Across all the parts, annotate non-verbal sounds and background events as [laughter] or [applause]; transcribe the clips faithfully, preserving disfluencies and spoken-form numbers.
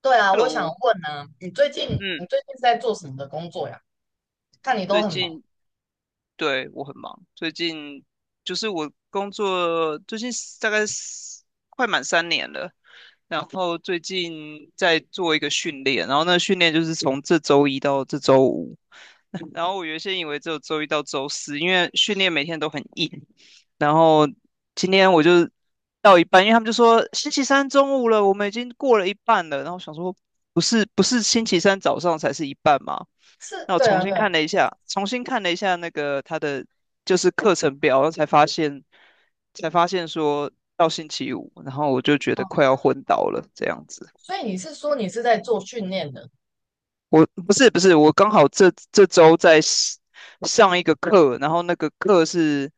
对啊，我想 Hello，问呢、你最近你嗯，最近是在做什么的工作呀？看你都最很忙。近，对，我很忙。最近就是我工作最近大概是快满三年了。然后最近在做一个训练，然后那个训练就是从这周一到这周五。然后我原先以为只有周一到周四，因为训练每天都很硬。然后今天我就到一半，因为他们就说星期三中午了，我们已经过了一半了，然后我想说不是不是星期三早上才是一半吗？是。那我对重啊，新对看啊。了一下，重新看了一下那个他的就是课程表，然后才发现，才发现说到星期五，然后我就觉哦，得快要昏倒了这样子。所以你是说你是在做训练的？我不是不是，我刚好这这周在 s- 上一个课，然后那个课是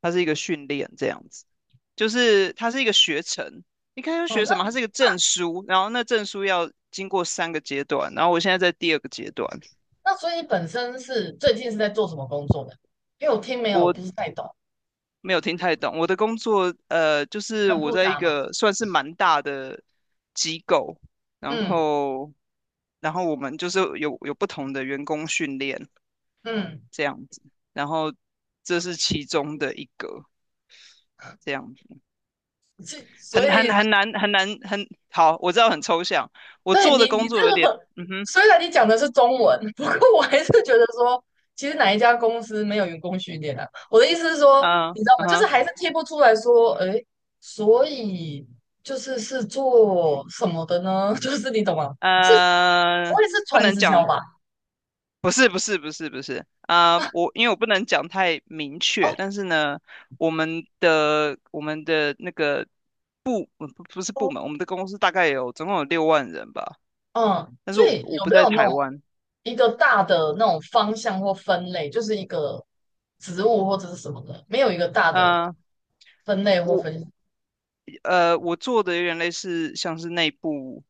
它是一个训练这样子，就是它是一个学程。你看要哦，学什那么？它是一个证书，然后那证书要经过三个阶段，然后我现在在第二个阶段。那所以你本身是最近是在做什么工作的？因为我听没有我。不是太懂。没有听太懂。我的工作，呃，就是很我复在一杂吗？个算是蛮大的机构，然嗯后，然后我们就是有有不同的员工训练嗯。这样子，然后这是其中的一个这样子。是，所很很以很难很难，很好，我知道很抽象。我对做的你，你工作有这点，个，嗯哼，虽然你讲的是中文，不过我还是觉得说，其实哪一家公司没有员工训练啊？我的意思是说，嗯你知道嗯吗？就是哼，还是贴不出来说，哎，所以就是是做什么的呢？[laughs] 就是你懂吗？是。不呃，会是不传能直销讲，吧？不是不是不是不是啊、呃我因为我不能讲太明哦确，但是呢，我们的我们的那个我不不是部哦。门，我们的公司大概有总共有六万人吧。嗯，但是所我，以我有不没在有那台种湾。一个大的那种方向或分类，就是一个职务或者是什么的，没有一个大的嗯、呃分类或我分，呃我做的有点类似像是内部，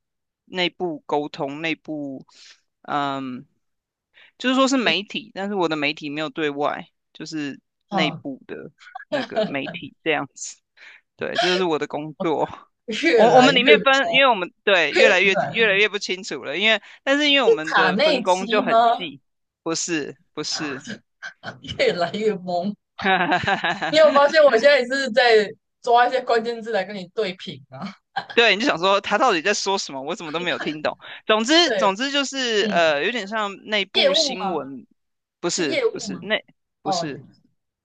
内部沟通，内部，嗯、就是说是媒体，但是我的媒体没有对外，就是内嗯，部的那个媒 [laughs] 体这样子。对，这就是我的工作。越我我来们里越。面分，因为我们对越来越越来越不清楚了。因为但是因为我们卡的内分工就基很吗？细。不是不是。[laughs] 越来越懵。你有发现我现 [laughs] 在也是在抓一些关键字来跟你对平啊？对，你就想说他到底在说什么，我怎么都没有听懂。总 [laughs] 之对。总之就是嗯，呃，有点像内业部务新吗？闻。不是是业不务是，吗？内不哦，是，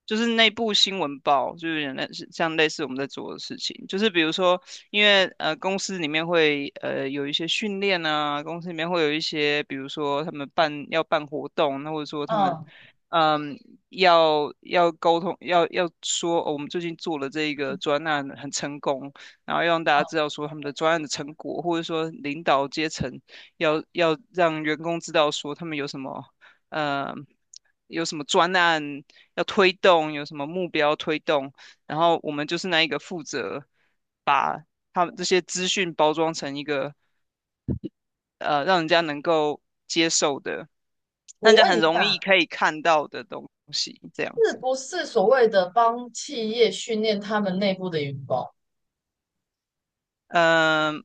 就是内部新闻报，就是有点类似像类似我们在做的事情，就是比如说，因为呃公司里面会呃有一些训练啊，公司里面会有一些，比如说他们办要办活动，那或者说他们，嗯嗯要要沟通，要要说，哦，我们最近做了这一个专案很成功。然后要让大嗯。家知道说他们的专案的成果，或者说领导阶层要要让员工知道说他们有什么，呃有什么专案，要推动，有什么目标推动。然后我们就是那一个负责把他们这些资讯包装成一个，呃让人家能够接受的，我让人家问很一容易下，可以看到的东西，这样是子。不是所谓的帮企业训练他们内部的员工，嗯、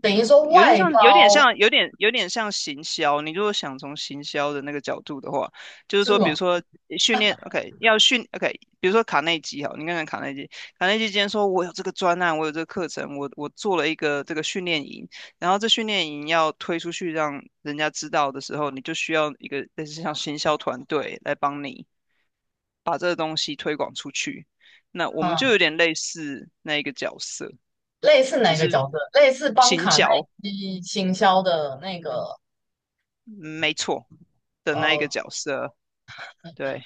等于说有点外像，有点包像，有点有点像行销。你如果想从行销的那个角度的话，就是是什说，比如么？说呃训练，OK，要训，OK，比如说卡内基哈，你看看卡内基，卡内基今天说我有这个专案，我有这个课程，我我做了一个这个训练营。然后这训练营要推出去让人家知道的时候，你就需要一个类似像行销团队来帮你把这个东西推广出去。那我们就嗯，有点类似那一个角色，类似只哪个是角色？类似帮行卡耐销。基行销的那个嗯，没错，的那一个呃 角色，对。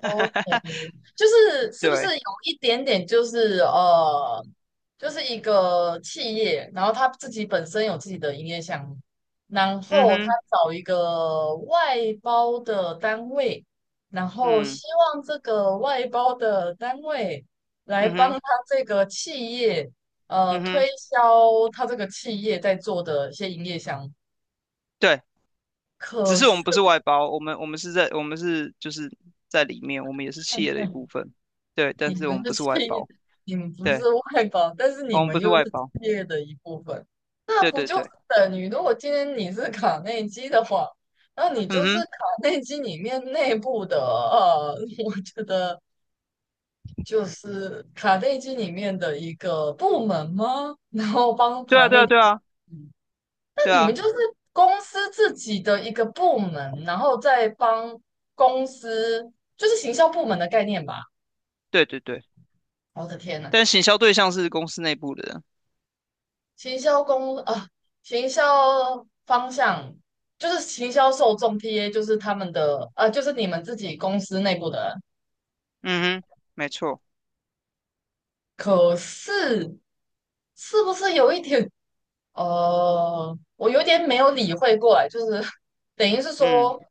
OK，就是是不是对，有一点点就是呃，就是一个企业，然后他自己本身有自己的营业项目，然嗯后他哼，找一个外包的单位，然后嗯，希望这个外包的单位来嗯帮哼，他这个企业呃嗯哼，推销他这个企业在做的一些营业项目。对。只是我们不可。是外包，我们我们是在我们是就是在里面，我们也是企业的一部分，对。你但是我们们是不是企外业，包，你们不是对，外包，但是我你们们不又是是外企包。业的一部分，那对不对就是对，等于，如果今天你是卡内基的话，那你嗯就是哼，卡内基里面内部的，呃，[laughs] 我觉得就是卡内基里面的一个部门吗？然后帮对卡啊对内啊对基，啊那对你们啊，就是公司自己的一个部门，然后再帮公司，就是行销部门的概念吧？对对对，我的天呐！但行销对象是公司内部的人。行销公啊，行销方向就是行销受众 T A，就是他们的呃，就是你们自己公司内部的人。嗯哼，没错。可是是不是有一点呃，我有点没有理会过来，就是等于是嗯说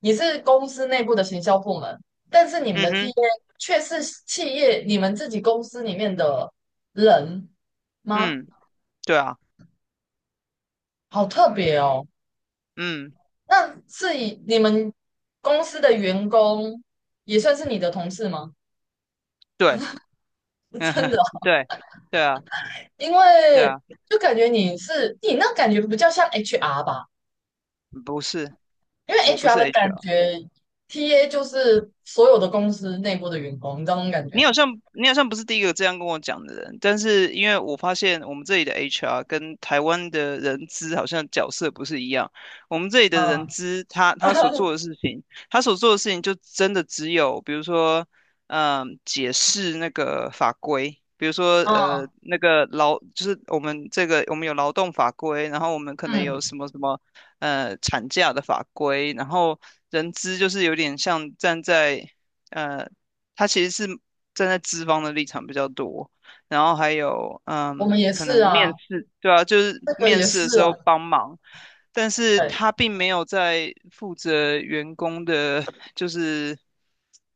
你是公司内部的行销部门，但是你们嗯的 T A 哼，却是企业你们自己公司里面的人吗？嗯，对啊，好特别哦。嗯，那是以你们公司的员工也算是你的同事吗？对。[laughs] 嗯真哼，的哦。对，对啊因对为啊。就感觉你是你那感觉比较像 H R 吧，不是。因为 我不 H R 是 的感 H R。觉，T A 就是所有的公司内部的员工，你知道那种感觉你好吗？像你好像不是第一个这样跟我讲的人，但是因为我发现我们这里的 H R 跟台湾的人资好像角色不是一样。我们这里的人嗯 资他他所 [laughs] 做的事情，他所做的事情就真的只有比如说，嗯、解释那个法规。比如说，呃，嗯那个劳就是我们这个，我们有劳动法规，然后我们可能嗯。有什么什么，呃，产假的法规，然后人资就是有点像站在，呃他其实是站在资方的立场比较多，然后还有我们嗯，也可是能啊，面试，对啊，就是这个面也试的是时啊，候帮忙，但是对他并没有在负责员工的，就是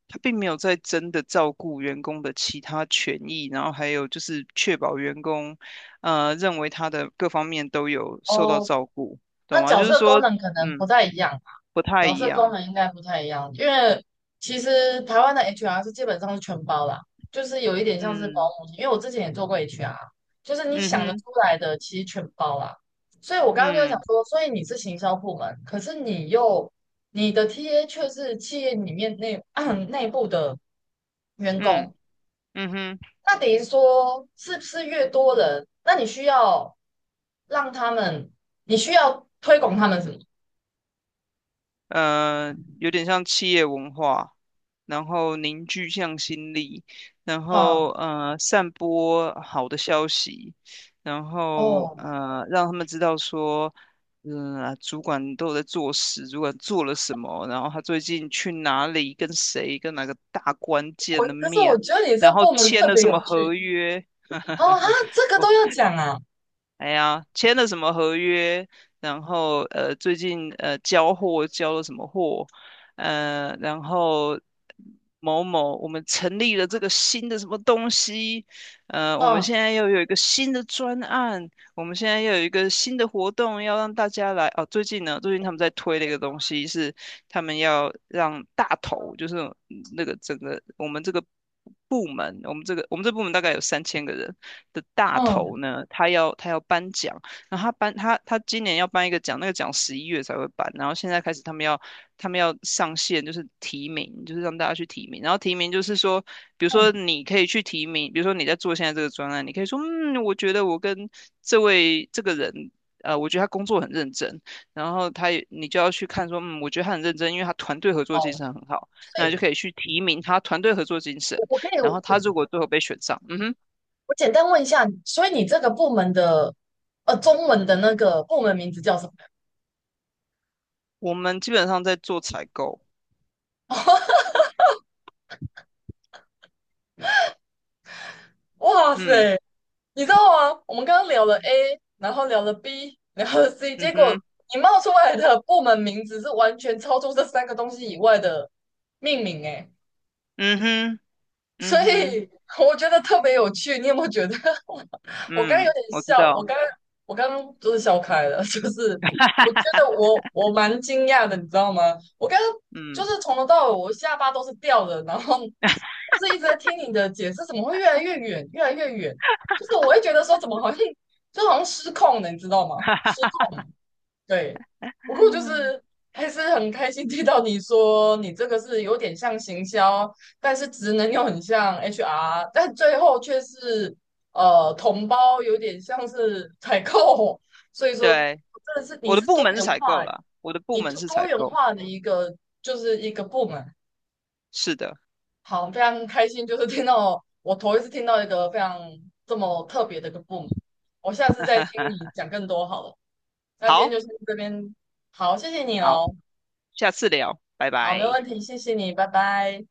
他并没有在真的照顾员工的其他权益，然后还有就是确保员工呃认为他的各方面都有受到哦，照顾，懂那吗？角就是色功说，能可能不嗯，太一样，不太角一色功样。能应该不太一样，因为其实台湾的 H R 是基本上是全包啦，就是有一点像是保嗯姆，因为我之前也做过 H R，就是你嗯想得哼，出来的其实全包啦。所以我刚刚就在想嗯说，所以你是行销部门，可是你又你的 T A 却是企业里面内 [clears throat] 内部的员工。嗯嗯哼。那等于说是不是越多人，那你需要让他们，你需要推广他们什么？呃，有点像企业文化，然后凝聚向心力，然后哈。呃，散播好的消息，然后哦，呃，让他们知道说，嗯、啊主管都有在做事，主管做了什么，然后他最近去哪里，跟谁，跟哪个大关我键的可是我面，觉得你然这后部门签特了别什有么合趣。约。哦啊，这个都要讲啊，哎呀，签了什么合约，然后呃，最近呃交货交了什么货，呃，然后某某我们成立了这个新的什么东西。呃，我们嗯现在又有一个新的专案，我们现在又有一个新的活动要让大家来哦。最近呢，最近他们在推的一个东西是他们要让大头，就是那个整个我们这个部门，我们这个我们这部门大概有三千个人的大头嗯呢，他要他要颁奖。然后他颁他他今年要颁一个奖，那个奖十一月才会颁。然后现在开始他们要他们要上线，就是提名，就是让大家去提名，然后提名就是说，比如嗯，说你可以去提名，比如说你在做现在这个专案，你可以说，嗯，我觉得我跟这位这个人。呃，我觉得他工作很认真，然后他也，你就要去看说，嗯，我觉得他很认真，因为他团队合作精哦，神很好，所那你就以可以去提名他团队合作精神。我我可以然我后他如果最后被选上。嗯哼，我简单问一下，所以你这个部门的呃中文的那个部门名字叫什么？我们基本上在做采购。哇塞，嗯你知道吗？我们刚刚聊了 A，然后聊了 B，然后 C，嗯结果哼你冒出来的部门名字是完全超出这三个东西以外的命名诶，嗯哼所嗯哼以我觉得特别有趣，你有没有觉得？我刚刚有嗯，点我知笑，我道，刚刚我刚刚就是笑开了，[laughs] 就是我觉得我我蛮惊讶的，你知道吗？我刚刚就嗯。是从头到尾我下巴都是掉的，然后就是一直在听你的解释，怎么会越来越远，越来越远？就是我会觉得说怎么好像就好像失控了，你知道吗？[laughs] 哈失哈，控。对，不过就是还是很开心听到你说你这个是有点像行销，但是职能又很像 H R，但最后却是呃同胞有点像是采购，所以说对，真的是你我的是部多门是元采化，购啦，我的部你门多是多采元购。化的一个就是一个部门。是的。好，非常开心，就是听到我头一次听到一个非常这么特别的一个部门，我下次再听 [laughs] 你讲更多好了。那今天好，就先这边，好，谢谢你好，哦。下次聊，拜好，没拜。问题，谢谢你，拜拜。